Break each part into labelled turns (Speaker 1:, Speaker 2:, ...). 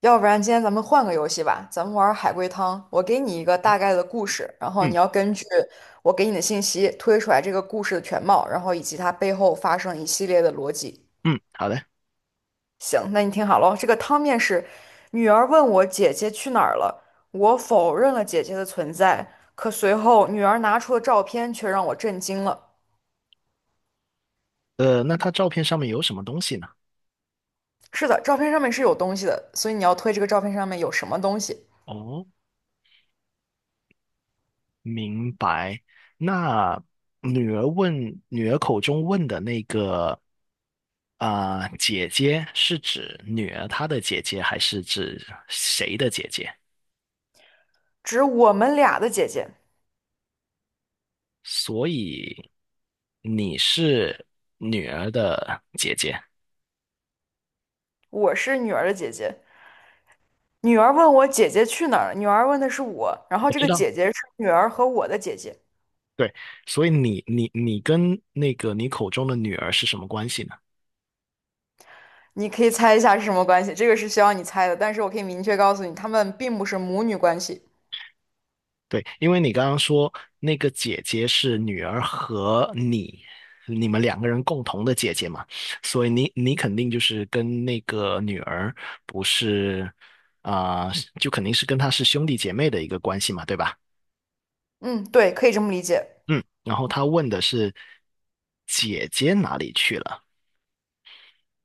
Speaker 1: 要不然今天咱们换个游戏吧，咱们玩海龟汤。我给你一个大概的故事，然后
Speaker 2: 嗯
Speaker 1: 你要根据我给你的信息推出来这个故事的全貌，然后以及它背后发生一系列的逻辑。
Speaker 2: 嗯，好的。
Speaker 1: 行，那你听好了哦，这个汤面是：女儿问我姐姐去哪儿了，我否认了姐姐的存在，可随后女儿拿出的照片却让我震惊了。
Speaker 2: 那他照片上面有什么东西呢？
Speaker 1: 是的，照片上面是有东西的，所以你要推这个照片上面有什么东西。
Speaker 2: 哦，明白。那女儿问，女儿口中问的那个姐姐是指女儿她的姐姐，还是指谁的姐姐？
Speaker 1: 指我们俩的姐姐，
Speaker 2: 所以你是女儿的姐姐，
Speaker 1: 我是女儿的姐姐。女儿问我姐姐去哪儿了，女儿问的是我，然后
Speaker 2: 我
Speaker 1: 这
Speaker 2: 知
Speaker 1: 个
Speaker 2: 道。
Speaker 1: 姐姐是女儿和我的姐姐，
Speaker 2: 对，所以你跟那个你口中的女儿是什么关系呢？
Speaker 1: 你可以猜一下是什么关系？这个是需要你猜的，但是我可以明确告诉你，她们并不是母女关系。
Speaker 2: 对，因为你刚刚说那个姐姐是女儿和你，你们两个人共同的姐姐嘛，所以你肯定就是跟那个女儿不是啊、就肯定是跟她是兄弟姐妹的一个关系嘛，对吧？
Speaker 1: 嗯，对，可以这么理解。
Speaker 2: 嗯，然后他问的是姐姐哪里去了，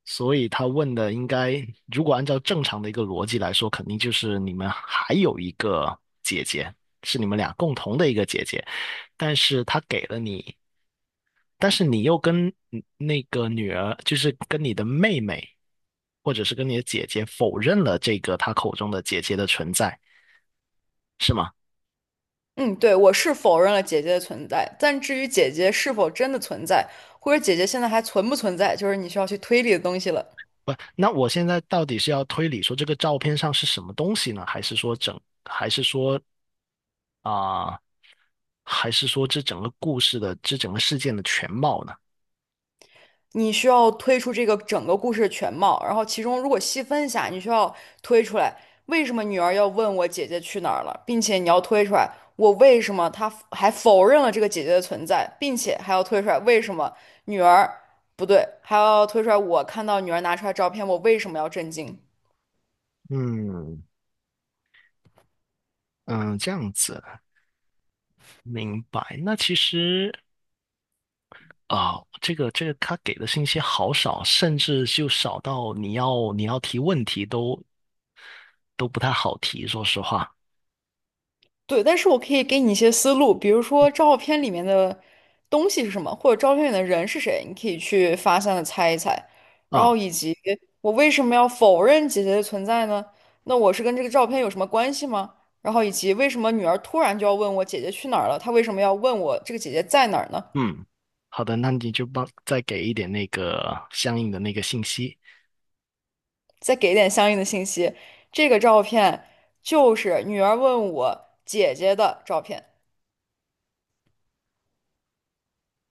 Speaker 2: 所以他问的应该如果按照正常的一个逻辑来说，肯定就是你们还有一个姐姐，是你们俩共同的一个姐姐。但是他给了你但是你又跟那个女儿，就是跟你的妹妹，或者是跟你的姐姐否认了这个她口中的姐姐的存在，是吗？
Speaker 1: 嗯，对，我是否认了姐姐的存在，但至于姐姐是否真的存在，或者姐姐现在还存不存在，就是你需要去推理的东西了。
Speaker 2: 不，那我现在到底是要推理说这个照片上是什么东西呢？还是说整，还是说啊、还是说这整个故事的，这整个事件的全貌呢？
Speaker 1: 你需要推出这个整个故事的全貌，然后其中如果细分一下，你需要推出来为什么女儿要问我姐姐去哪儿了，并且你要推出来我为什么她还否认了这个姐姐的存在，并且还要推出来为什么女儿不对，还要推出来我看到女儿拿出来照片，我为什么要震惊？
Speaker 2: 嗯嗯，这样子明白。那其实啊、这个他给的信息好少，甚至就少到你要提问题都不太好提，说实话。
Speaker 1: 对，但是我可以给你一些思路，比如说照片里面的东西是什么，或者照片里的人是谁，你可以去发散的猜一猜。然
Speaker 2: 啊，
Speaker 1: 后以及我为什么要否认姐姐的存在呢？那我是跟这个照片有什么关系吗？然后以及为什么女儿突然就要问我姐姐去哪儿了？她为什么要问我这个姐姐在哪儿呢？
Speaker 2: 嗯，好的，那你就帮再给一点那个相应的那个信息，
Speaker 1: 再给点相应的信息。这个照片就是女儿问我姐姐的照片，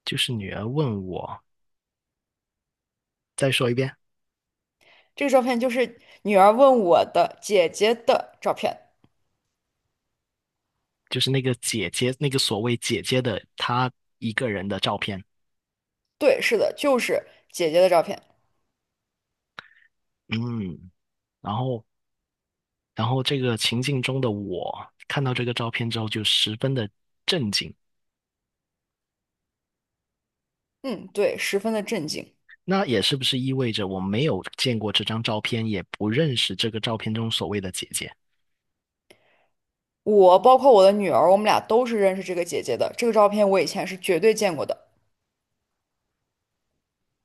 Speaker 2: 就是女儿问我，再说一遍，
Speaker 1: 这个照片就是女儿问我的姐姐的照片。
Speaker 2: 就是那个姐姐，那个所谓姐姐的她一个人的照片。
Speaker 1: 对，是的，就是姐姐的照片。
Speaker 2: 嗯，然后然后这个情境中的我看到这个照片之后就十分的震惊。
Speaker 1: 嗯，对，十分的震惊。
Speaker 2: 那也是不是意味着我没有见过这张照片，也不认识这个照片中所谓的姐姐？
Speaker 1: 我包括我的女儿，我们俩都是认识这个姐姐的。这个照片我以前是绝对见过的。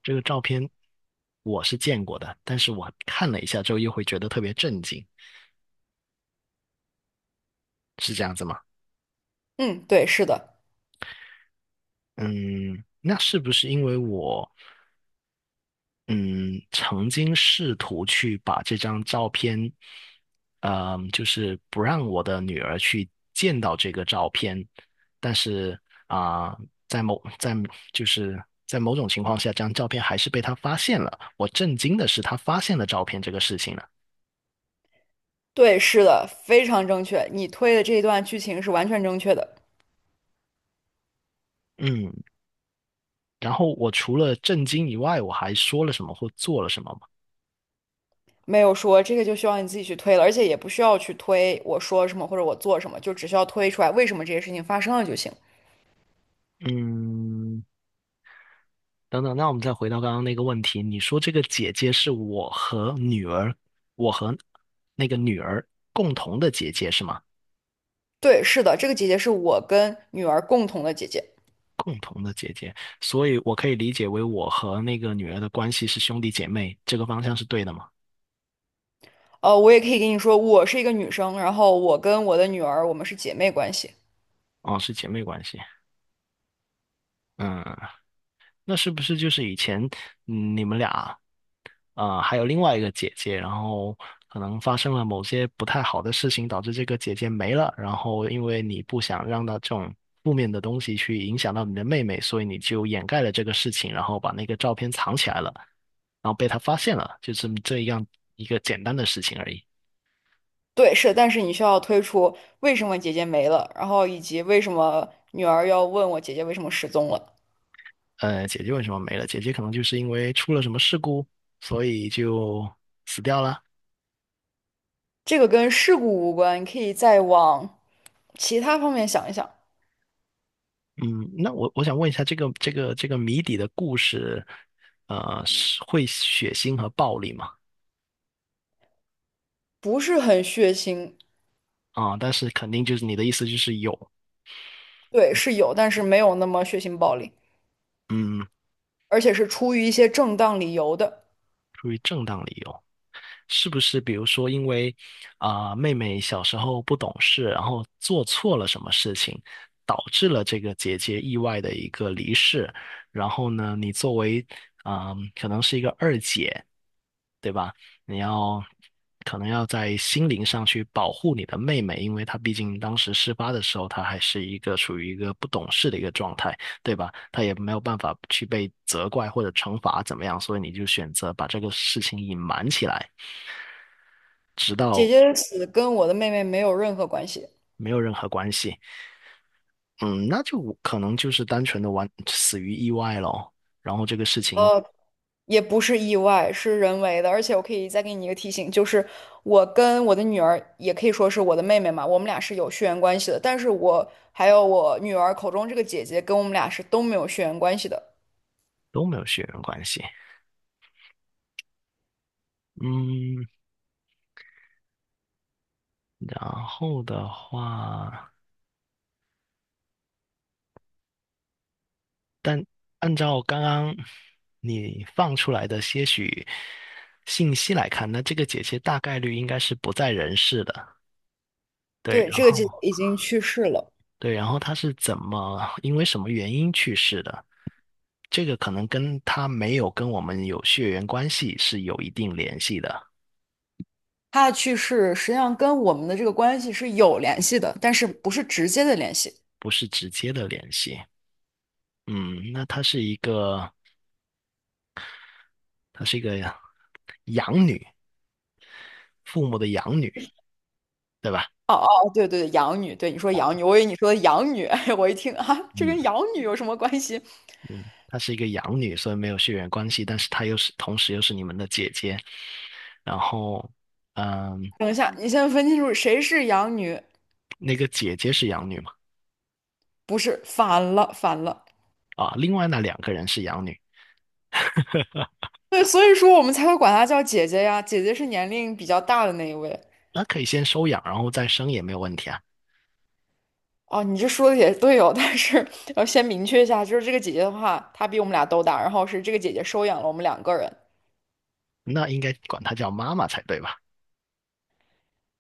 Speaker 2: 这个照片我是见过的，但是我看了一下之后又会觉得特别震惊，是这样子吗？
Speaker 1: 嗯，对，是的，
Speaker 2: 嗯，那是不是因为我嗯曾经试图去把这张照片，嗯，就是不让我的女儿去见到这个照片，但是啊、在某在就是在某种情况下，这张照片还是被她发现了。我震惊的是她发现了照片这个事情呢，
Speaker 1: 对，是的，非常正确。你推的这一段剧情是完全正确的，
Speaker 2: 嗯，然后我除了震惊以外，我还说了什么或做了什么吗？
Speaker 1: 没有说这个就需要你自己去推了，而且也不需要去推我说什么或者我做什么，就只需要推出来为什么这些事情发生了就行。
Speaker 2: 嗯，等等，那我们再回到刚刚那个问题，你说这个姐姐是我和女儿，我和那个女儿共同的姐姐是吗？
Speaker 1: 对，是的，这个姐姐是我跟女儿共同的姐姐。
Speaker 2: 共同的姐姐，所以我可以理解为我和那个女儿的关系是兄弟姐妹，这个方向是对的吗？
Speaker 1: 我也可以跟你说，我是一个女生，然后我跟我的女儿，我们是姐妹关系。
Speaker 2: 哦，是姐妹关系。嗯，那是不是就是以前你们俩还有另外一个姐姐，然后可能发生了某些不太好的事情，导致这个姐姐没了。然后因为你不想让她这种负面的东西去影响到你的妹妹，所以你就掩盖了这个事情，然后把那个照片藏起来了，然后被她发现了，就这样一个简单的事情而已。
Speaker 1: 对，是，但是你需要推出为什么姐姐没了，然后以及为什么女儿要问我姐姐为什么失踪了。
Speaker 2: 姐姐为什么没了？姐姐可能就是因为出了什么事故，所以就死掉了。
Speaker 1: 这个跟事故无关，你可以再往其他方面想一想，
Speaker 2: 嗯，那我想问一下，这个谜底的故事，是会血腥和暴力吗？
Speaker 1: 不是很血腥。
Speaker 2: 但是肯定就是你的意思就是有，
Speaker 1: 对，是有，但是没有那么血腥暴力，
Speaker 2: 嗯，
Speaker 1: 而且是出于一些正当理由的。
Speaker 2: 出于正当理由，是不是？比如说因为妹妹小时候不懂事，然后做错了什么事情，导致了这个姐姐意外的一个离世，然后呢，你作为可能是一个二姐。对吧？你要可能要在心灵上去保护你的妹妹，因为她毕竟当时事发的时候，她还是一个处于一个不懂事的一个状态，对吧？她也没有办法去被责怪或者惩罚怎么样，所以你就选择把这个事情隐瞒起来，直
Speaker 1: 姐
Speaker 2: 到
Speaker 1: 姐的死跟我的妹妹没有任何关系。
Speaker 2: 没有任何关系。嗯，那就可能就是单纯的完死于意外咯，然后这个事情
Speaker 1: 也不是意外，是人为的。而且我可以再给你一个提醒，就是我跟我的女儿，也可以说是我的妹妹嘛，我们俩是有血缘关系的。但是我还有我女儿口中这个姐姐，跟我们俩是都没有血缘关系的。
Speaker 2: 都没有血缘关系。嗯，然后的话。按照刚刚你放出来的些许信息来看，那这个姐姐大概率应该是不在人世的。对，
Speaker 1: 对，
Speaker 2: 然
Speaker 1: 这个
Speaker 2: 后
Speaker 1: 姐姐已经去世了，
Speaker 2: 对，然后她是怎么，因为什么原因去世的？这个可能跟她没有跟我们有血缘关系是有一定联系的，
Speaker 1: 她的去世实际上跟我们的这个关系是有联系的，但是不是直接的联系。
Speaker 2: 不是直接的联系。嗯，那她是一个，她是一个养女，父母的养女，对吧？
Speaker 1: 哦哦，哦对对对，养女，对你说养女，我以为你说的养女，我一听啊，这跟
Speaker 2: 嗯。
Speaker 1: 养女有什么关系？
Speaker 2: 嗯，她是一个养女，所以没有血缘关系，但是她又是同时又是你们的姐姐。然后，嗯，
Speaker 1: 等一下，你先分清楚谁是养女，
Speaker 2: 那个姐姐是养女嘛？
Speaker 1: 不是，反了，反了。
Speaker 2: 啊，另外那两个人是养女，
Speaker 1: 对，所以说我们才会管她叫姐姐呀，姐姐是年龄比较大的那一位。
Speaker 2: 那可以先收养，然后再生也没有问题啊。
Speaker 1: 哦，你这说的也对哦，但是要先明确一下，就是这个姐姐的话，她比我们俩都大，然后是这个姐姐收养了我们两个人，
Speaker 2: 那应该管她叫妈妈才对吧？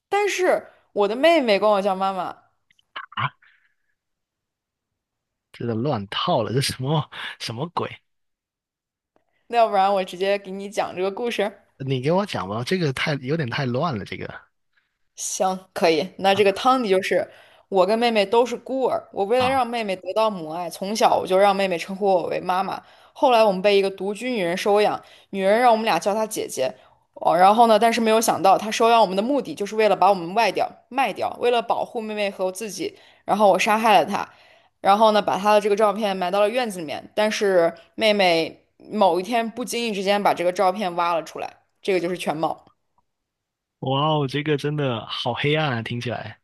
Speaker 1: 但是我的妹妹管我叫妈妈，
Speaker 2: 啊，这个乱套了，这什么鬼？
Speaker 1: 那要不然我直接给你讲这个故事。
Speaker 2: 你给我讲吧，这个太有点太乱了，这个
Speaker 1: 行，可以。那这个汤底就是我跟妹妹都是孤儿，我为了
Speaker 2: 啊，
Speaker 1: 让妹妹得到母爱，从小我就让妹妹称呼我为妈妈。后来我们被一个独居女人收养，女人让我们俩叫她姐姐。哦，然后呢？但是没有想到，她收养我们的目的就是为了把我们卖掉，卖掉，为了保护妹妹和我自己。然后我杀害了她，然后呢，把她的这个照片埋到了院子里面。但是妹妹某一天不经意之间把这个照片挖了出来，这个就是全貌。
Speaker 2: 哇哦，这个真的好黑暗啊，听起来。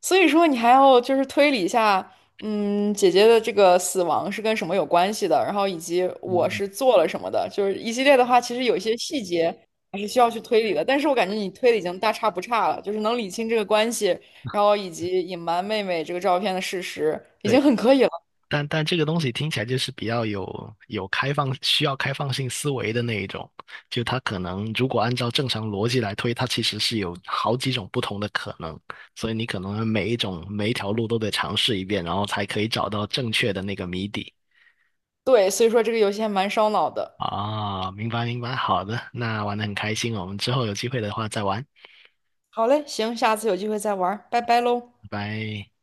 Speaker 1: 所以说，你还要就是推理一下，嗯，姐姐的这个死亡是跟什么有关系的，然后以及我
Speaker 2: 嗯，
Speaker 1: 是做了什么的，就是一系列的话，其实有一些细节还是需要去推理的。但是我感觉你推理已经大差不差了，就是能理清这个关系，然后以及隐瞒妹妹这个照片的事实，已经
Speaker 2: 对。
Speaker 1: 很可以了。
Speaker 2: 但但这个东西听起来就是比较有开放，需要开放性思维的那一种。就它可能如果按照正常逻辑来推，它其实是有好几种不同的可能，所以你可能每一种每一条路都得尝试一遍，然后才可以找到正确的那个谜底。
Speaker 1: 对，所以说这个游戏还蛮烧脑的。
Speaker 2: 啊，明白，好的，那玩得很开心哦我们之后有机会的话再玩，
Speaker 1: 好嘞，行，下次有机会再玩儿拜拜喽。
Speaker 2: 拜拜。